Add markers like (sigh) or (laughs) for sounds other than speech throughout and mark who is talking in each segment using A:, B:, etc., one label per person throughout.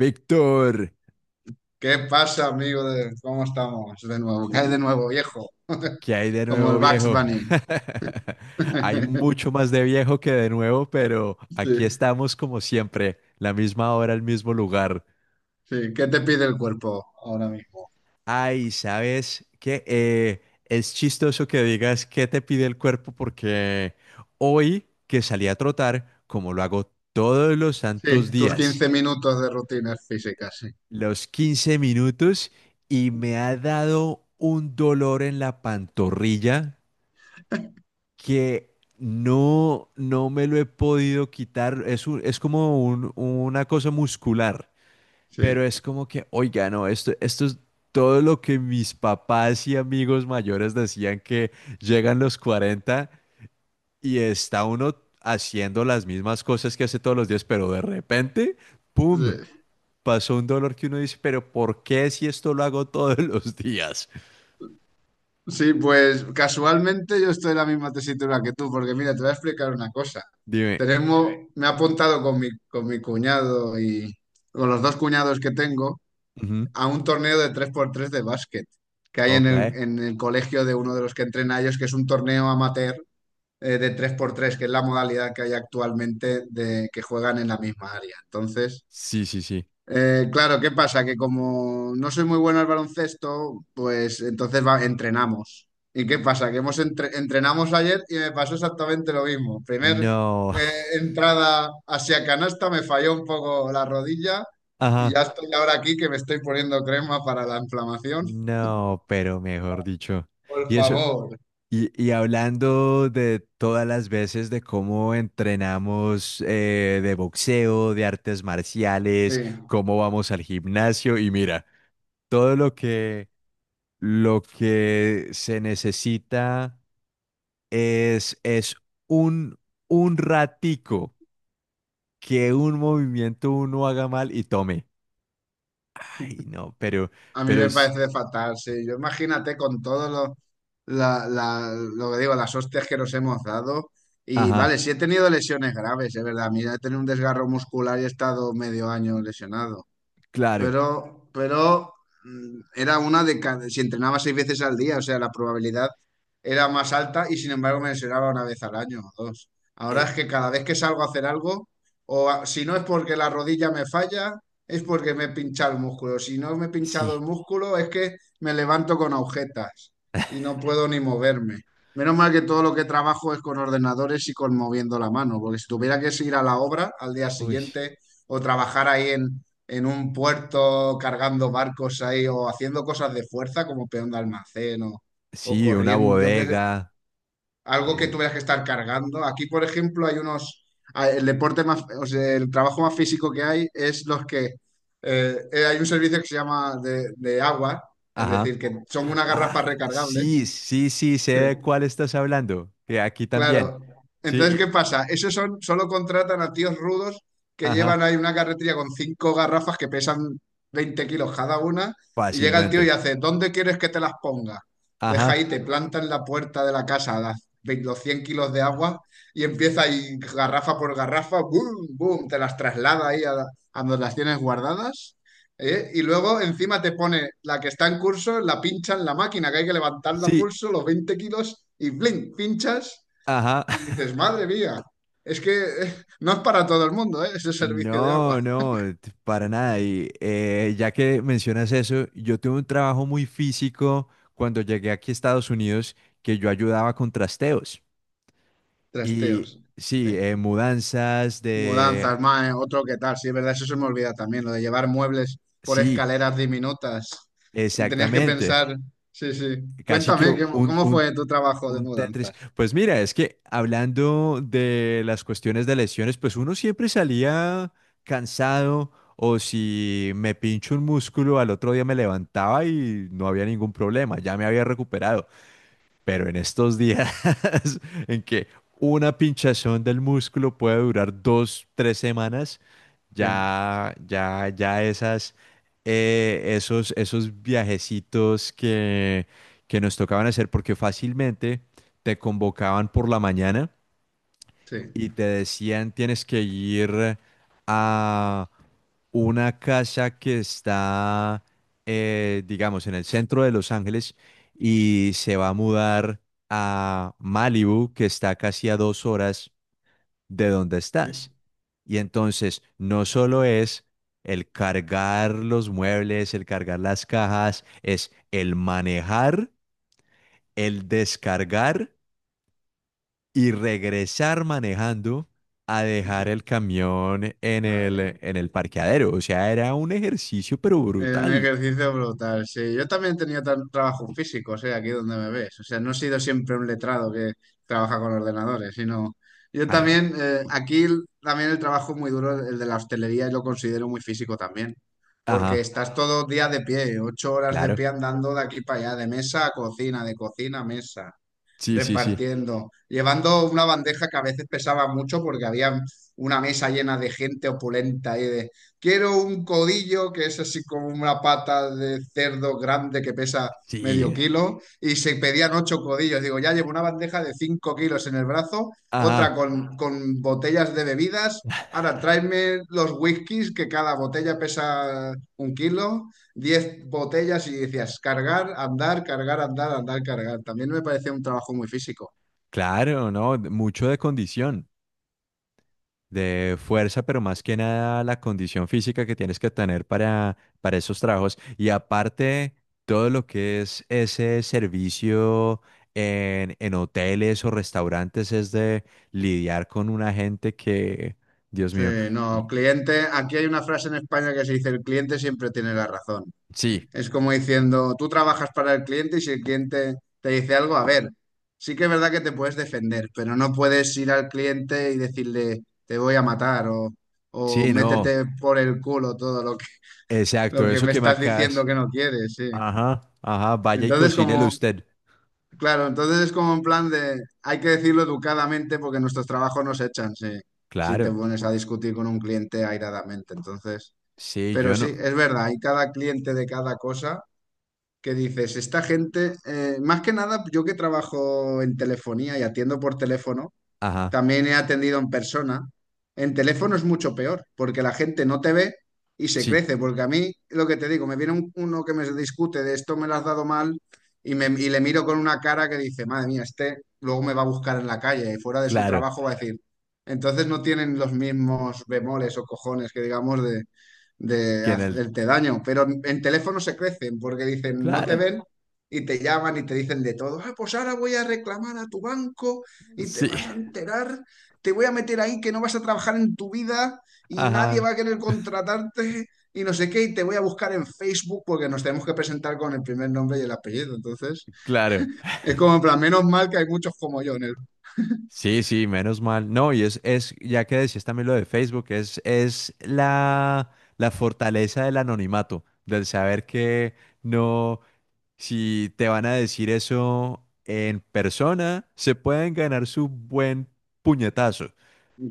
A: Víctor,
B: ¿Qué pasa, amigo? ¿Cómo estamos? De nuevo, ¿qué hay de nuevo, viejo? (laughs)
A: ¿qué hay de
B: Como
A: nuevo,
B: el Bugs
A: viejo?
B: Bunny.
A: (laughs) Hay
B: (laughs)
A: mucho más de viejo que de nuevo, pero
B: Sí,
A: aquí estamos como siempre, la misma hora, el mismo lugar.
B: sí. ¿Qué te pide el cuerpo ahora mismo?
A: Ay, ¿sabes qué? Es chistoso que digas qué te pide el cuerpo porque hoy que salí a trotar, como lo hago todos los santos
B: Sí, tus
A: días,
B: 15 minutos de rutinas físicas, sí.
A: los 15 minutos, y me ha dado un dolor en la pantorrilla que no, no me lo he podido quitar. Es un- es como un- una cosa muscular,
B: Sí,
A: pero es como que, oiga, no, esto es todo lo que mis papás y amigos mayores decían: que llegan los 40 y está uno haciendo las mismas cosas que hace todos los días, pero de repente, ¡pum!
B: sí.
A: Pasó un dolor que uno dice, pero ¿por qué, si esto lo hago todos (laughs) los días?
B: Sí, pues casualmente yo estoy en la misma tesitura que tú, porque mira, te voy a explicar una cosa.
A: Dime.
B: Tenemos, me he apuntado con mi cuñado y con los dos cuñados que tengo
A: Ujú.
B: a un torneo de tres por tres de básquet que hay
A: Ok.
B: en el colegio de uno de los que entrena a ellos, que es un torneo amateur de tres por tres que es la modalidad que hay actualmente de que juegan en la misma área. Entonces,
A: Sí, sí, sí.
B: claro, ¿qué pasa? Que como no soy muy bueno al baloncesto, pues entonces entrenamos. ¿Y qué pasa? Que hemos entrenamos ayer y me pasó exactamente lo mismo. Primer
A: No. (laughs)
B: entrada hacia canasta, me falló un poco la rodilla y
A: Ajá.
B: ya estoy ahora aquí que me estoy poniendo crema para la inflamación.
A: No, pero mejor dicho.
B: Por
A: Y eso,
B: favor.
A: y hablando de todas las veces de cómo entrenamos, de boxeo, de artes
B: Sí.
A: marciales, cómo vamos al gimnasio, y mira, todo lo que se necesita es un, un ratico, que un movimiento uno haga mal y tome. Ay, no, pero,
B: A mí me
A: es.
B: parece fatal, sí. Yo imagínate con todo lo, lo que digo, las hostias que nos hemos dado. Y
A: Ajá,
B: vale, sí he tenido lesiones graves, es verdad. Mira, he tenido un desgarro muscular y he estado medio año lesionado.
A: claro.
B: Pero era una de cada, si entrenaba seis veces al día, o sea, la probabilidad era más alta y sin embargo me lesionaba una vez al año o dos. Ahora
A: eh,
B: es que cada vez que salgo a hacer algo, si no es porque la rodilla me falla, es porque me he pinchado el músculo. Si no me he pinchado el
A: sí,
B: músculo, es que me levanto con agujetas y no puedo ni moverme. Menos mal que todo lo que trabajo es con ordenadores y con moviendo la mano, porque si tuviera que ir a la obra al día
A: uy.
B: siguiente o trabajar ahí en un puerto cargando barcos ahí o haciendo cosas de fuerza como peón de almacén o
A: Sí, una
B: corriendo, yo qué sé,
A: bodega.
B: algo que
A: eh,
B: tuvieras que estar cargando. Aquí, por ejemplo, hay unos, ah, el deporte más, o sea, el trabajo más físico que hay es los que, hay un servicio que se llama de agua, es decir,
A: ajá.
B: que son unas
A: Ah,
B: garrafas
A: sí,
B: recargables.
A: sí, sí, sé
B: Sí.
A: de cuál estás hablando. Que aquí también.
B: Claro.
A: Sí.
B: Entonces, ¿qué
A: y-
B: pasa? Esos son, solo contratan a tíos rudos que llevan
A: ajá.
B: ahí una carretilla con cinco garrafas que pesan 20 kilos cada una y llega el tío y
A: Fácilmente.
B: hace, ¿dónde quieres que te las ponga? Deja ahí,
A: Ajá.
B: te planta en la puerta de la casa las, los 100 kilos de agua y empieza ahí garrafa por garrafa, boom, boom, te las traslada ahí a donde las tienes guardadas. ¿Eh? Y luego encima te pone la que está en curso, la pincha en la máquina, que hay que levantarla a
A: Sí,
B: pulso, los 20 kilos, y blin, pinchas
A: ajá.
B: y dices,
A: (laughs)
B: madre mía, es que no es para todo el mundo, ¿eh? Ese servicio de agua.
A: No, no, para nada. Y ya que mencionas eso, yo tuve un trabajo muy físico cuando llegué aquí a Estados Unidos, que yo ayudaba con trasteos.
B: (laughs)
A: Y
B: Trasteos,
A: sí,
B: sí.
A: mudanzas de...
B: Mudanzas, más, otro que tal, sí, es verdad, eso se me olvida también, lo de llevar muebles por
A: Sí,
B: escaleras diminutas. Y tenías que
A: exactamente.
B: pensar, sí, sí.
A: Casi que
B: Cuéntame, ¿qué-
A: un,
B: ¿cómo
A: un,
B: fue tu trabajo de
A: un Tetris.
B: mudanzas?
A: Pues mira, es que, hablando de las cuestiones de lesiones, pues uno siempre salía cansado, o si me pincho un músculo, al otro día me levantaba y no había ningún problema, ya me había recuperado. Pero en estos días (laughs) en que una pinchazón del músculo puede durar 2, 3 semanas,
B: Sí,
A: ya, ya, ya esos viajecitos que nos tocaban hacer, porque fácilmente te convocaban por la mañana
B: sí,
A: y te decían: tienes que ir a una casa que está, digamos, en el centro de Los Ángeles, y se va a mudar a Malibu, que está casi a 2 horas de donde
B: sí,
A: estás. Y entonces no solo es el cargar los muebles, el cargar las cajas, es el manejar, el descargar y regresar manejando a
B: sí.
A: dejar el camión en
B: Ay.
A: el parqueadero. O sea, era un ejercicio, pero
B: Era un
A: brutal.
B: ejercicio brutal, sí. Yo también tenía trabajo físico, o sea, aquí donde me ves. O sea, no he sido siempre un letrado que trabaja con ordenadores, sino yo
A: Ah, no.
B: también, aquí también el trabajo muy duro, el de la hostelería, y lo considero muy físico también. Porque
A: Ajá,
B: estás todo el día de pie, 8 horas de
A: claro.
B: pie andando de aquí para allá, de mesa a cocina, de cocina a mesa,
A: Sí, sí, sí.
B: repartiendo, llevando una bandeja que a veces pesaba mucho porque había una mesa llena de gente opulenta y de, quiero un codillo que es así como una pata de cerdo grande que pesa medio
A: Sí.
B: kilo y se pedían ocho codillos. Digo, ya llevo una bandeja de 5 kilos en el brazo, otra
A: Ajá,
B: con botellas de bebidas. Ahora, tráeme los whiskies que cada botella pesa un kilo, 10 botellas y decías cargar, andar, andar, cargar. También me parecía un trabajo muy físico.
A: claro, no, mucho de condición. De fuerza, pero más que nada la condición física que tienes que tener para, esos trabajos. Y aparte, todo lo que es ese servicio en, hoteles o restaurantes es de lidiar con una gente que, Dios
B: Sí,
A: mío.
B: no,
A: y-
B: cliente, aquí hay una frase en España que se dice, el cliente siempre tiene la razón.
A: sí,
B: Es como diciendo, tú trabajas para el cliente y si el cliente te dice algo, a ver, sí que es verdad que te puedes defender, pero no puedes ir al cliente y decirle, te voy a matar o
A: sí, no,
B: métete por el culo todo lo. Lo
A: exacto,
B: que
A: eso
B: me
A: que me
B: estás
A: acabas.
B: diciendo que no quieres, sí.
A: Ajá, ajá, vaya y
B: Entonces,
A: cocínelo
B: como,
A: usted.
B: claro, entonces es como en plan de, hay que decirlo educadamente porque nuestros trabajos nos echan, sí, si te
A: Claro,
B: pones a discutir con un cliente airadamente. Entonces,
A: sí,
B: pero
A: yo
B: sí,
A: no.
B: es verdad, hay cada cliente de cada cosa que dices, esta gente, más que nada, yo que trabajo en telefonía y atiendo por teléfono,
A: Ajá,
B: también he atendido en persona. En teléfono es mucho peor, porque la gente no te ve y se
A: sí,
B: crece. Porque a mí, lo que te digo, me viene uno que me discute de esto me lo has dado mal y, le miro con una cara que dice, madre mía, este luego me va a buscar en la calle y fuera de su
A: claro.
B: trabajo va a decir. Entonces no tienen los mismos bemoles o cojones que digamos de
A: que en el,
B: hacerte daño. Pero en teléfono se crecen porque dicen, no te
A: claro,
B: ven y te llaman y te dicen de todo. Ah, pues ahora voy a reclamar a tu banco y te
A: sí.
B: vas a
A: (laughs)
B: enterar, te voy a meter ahí que no vas a trabajar en tu vida y nadie
A: Ajá.
B: va a querer contratarte y no sé qué, y te voy a buscar en Facebook porque nos tenemos que presentar con el primer nombre y el apellido. Entonces,
A: Claro. (laughs)
B: es como en plan, menos mal que hay muchos como yo en el...
A: Sí, sí, menos mal. No, y es, ya que decías también lo de Facebook, es, la fortaleza del anonimato, del saber que no, si te van a decir eso en persona, se pueden ganar su buen puñetazo.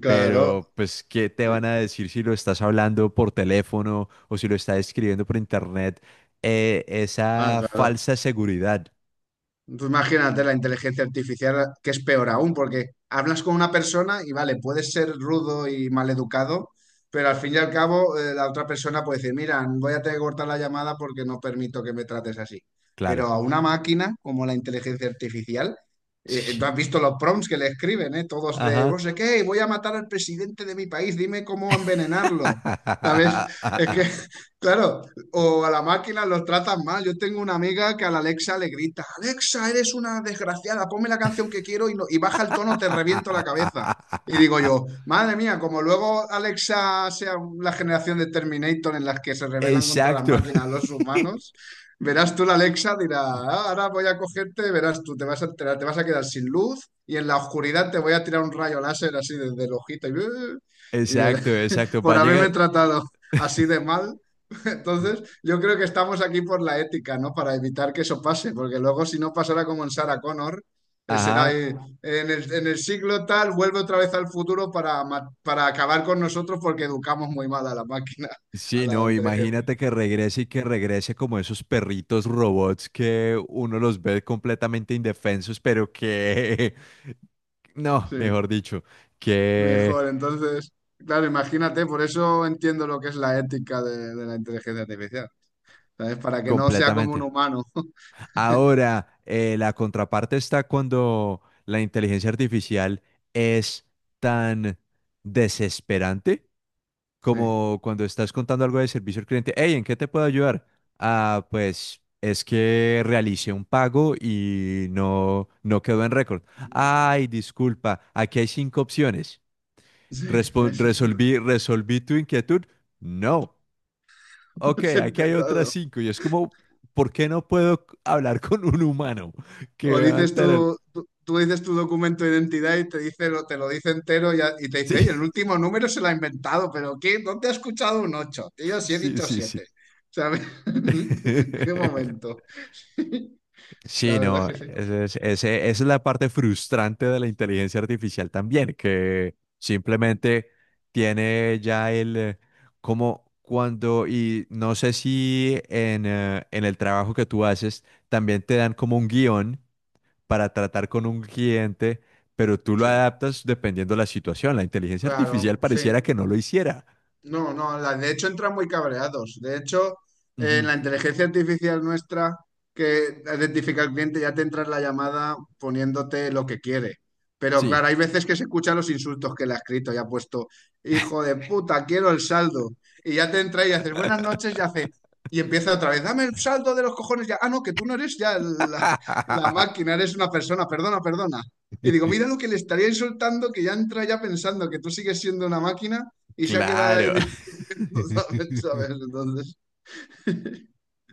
B: Claro,
A: Pero, pues, ¿qué te van
B: sí.
A: a decir si lo estás hablando por teléfono o si lo estás escribiendo por internet?
B: Ah,
A: Esa
B: claro.
A: falsa seguridad,
B: Tú imagínate la inteligencia artificial, que es peor aún, porque hablas con una persona y vale, puedes ser rudo y maleducado, pero al fin y al cabo la otra persona puede decir, mira, voy a tener que cortar la llamada porque no permito que me trates así. Pero
A: claro.
B: a una máquina como la inteligencia artificial,
A: (laughs) Sí.
B: tú has visto los prompts que le escriben, ¿eh? Todos de, no
A: Ajá.
B: sé qué, voy a matar al presidente de mi país, dime cómo envenenarlo. ¿Sabes? Es que,
A: (laughs)
B: (laughs) claro, o a la máquina los tratan mal. Yo tengo una amiga que a la Alexa le grita, Alexa, eres una desgraciada, ponme la canción que quiero y, y baja el tono, te reviento la cabeza. Y digo yo, madre mía, como luego Alexa sea la generación de Terminator en las que se rebelan contra las
A: Exacto.
B: máquinas
A: (laughs)
B: los humanos, verás tú la Alexa, dirá, "Ah, ahora voy a cogerte, verás tú, te vas a enterar, te vas a quedar sin luz y en la oscuridad te voy a tirar un rayo láser así desde el ojito y, (laughs) y verás,
A: Exacto, exacto. Va
B: por
A: a
B: haberme
A: llegar.
B: tratado así de mal. Entonces, yo creo que estamos aquí por la ética, ¿no? Para evitar que eso pase, porque luego si no pasara como en Sarah Connor, será
A: Ajá.
B: en el siglo tal, vuelve otra vez al futuro para, para acabar con nosotros porque educamos muy mal a la máquina, a
A: Sí,
B: la
A: no,
B: inteligencia.
A: imagínate que regrese, y que regrese como esos perritos robots que uno los ve completamente indefensos, pero que... (laughs) No,
B: Sí,
A: mejor dicho. Que
B: mejor. Entonces, claro, imagínate, por eso entiendo lo que es la ética de la inteligencia artificial, ¿sabes? Para que no sea como un
A: completamente.
B: humano. (laughs)
A: Ahora, la contraparte está cuando la inteligencia artificial es tan desesperante
B: Sí,
A: como cuando estás contando algo de servicio al cliente. "Hey, ¿en qué te puedo ayudar?". "Ah, pues es que realicé un pago y no, no quedó en récord". "Ay, disculpa, aquí hay cinco opciones".
B: sí, ese es el, (laughs)
A: "Resolví, ¿resolví tu inquietud?". "No".
B: ese
A: "Ok,
B: es el
A: aquí hay otras
B: pecado.
A: cinco". Y es como, ¿por qué no puedo hablar con un humano que
B: O
A: me va a
B: dices
A: enterar?
B: tú dices tu documento de identidad y te dice, te lo dice entero y, y te dice, "Ey, el
A: Sí,
B: último número se lo ha inventado, pero ¿qué? ¿Dónde has escuchado un 8? Yo
A: (laughs)
B: sí he
A: sí,
B: dicho
A: sí, sí.
B: siete. ¿Sabes? (laughs) ¿En qué
A: (laughs)
B: momento? (laughs)
A: Sí,
B: La verdad es
A: no,
B: que sí.
A: esa es la parte frustrante de la inteligencia artificial también, que simplemente tiene ya como cuando, y no sé si en el trabajo que tú haces, también te dan como un guión para tratar con un cliente, pero tú lo
B: Sí,
A: adaptas dependiendo de la situación. La inteligencia artificial
B: claro,
A: pareciera
B: sí.
A: que no lo hiciera.
B: No, no, de hecho entran muy cabreados. De hecho,
A: Ujú.
B: la inteligencia artificial nuestra que identifica al cliente ya te entra en la llamada poniéndote lo que quiere. Pero
A: Sí.
B: claro, hay veces que se escuchan los insultos que le ha escrito y ha puesto, hijo de puta, quiero el saldo. Y ya te entra y haces buenas noches y hace, y empieza otra vez, dame el saldo de los cojones ya. Ah, no, que tú no eres ya la máquina,
A: (laughs)
B: eres una persona, perdona, perdona. Y digo, mira lo que le estaría insultando, que ya entra ya pensando que tú sigues siendo una máquina y se ha quedado ahí (laughs)
A: Claro.
B: discutiendo,
A: (laughs)
B: ¿sabes? ¿Sabes? Entonces,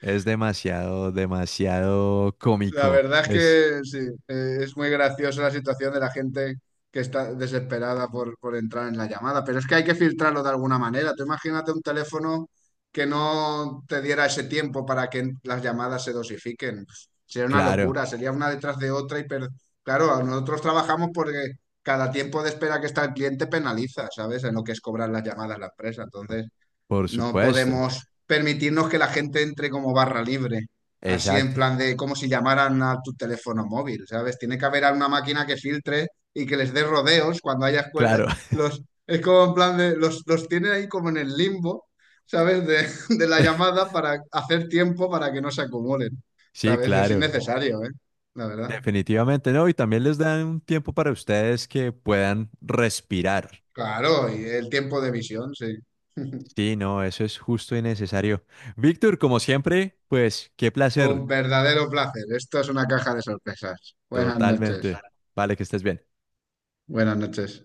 A: Es demasiado, demasiado
B: la
A: cómico.
B: verdad es
A: Es
B: que sí, es muy graciosa la situación de la gente que está desesperada por entrar en la llamada, pero es que hay que filtrarlo de alguna manera. Tú imagínate un teléfono que no te diera ese tiempo para que las llamadas se dosifiquen. Sería una
A: claro,
B: locura, sería una detrás de otra y claro, nosotros trabajamos porque cada tiempo de espera que está el cliente penaliza, ¿sabes? En lo que es cobrar las llamadas a la empresa. Entonces,
A: por
B: no
A: supuesto.
B: podemos permitirnos que la gente entre como barra libre, así en
A: Exacto.
B: plan de como si llamaran a tu teléfono móvil, ¿sabes? Tiene que haber una máquina que filtre y que les dé rodeos cuando haya escuelas.
A: Claro.
B: Los, es como en plan de, los tiene ahí como en el limbo, ¿sabes? De la
A: (laughs)
B: llamada para hacer tiempo para que no se acumulen,
A: Sí,
B: ¿sabes? Es
A: claro.
B: innecesario, ¿eh? La verdad.
A: Definitivamente no. Y también les dan un tiempo para ustedes, que puedan respirar.
B: Claro, y
A: Ujú.
B: el tiempo de visión, sí. (laughs)
A: Sí, no, eso es justo y necesario. Víctor, como siempre, pues qué placer.
B: Un verdadero placer. Esto es una caja de sorpresas. Buenas noches.
A: Totalmente. Vale, que estés bien.
B: Buenas noches.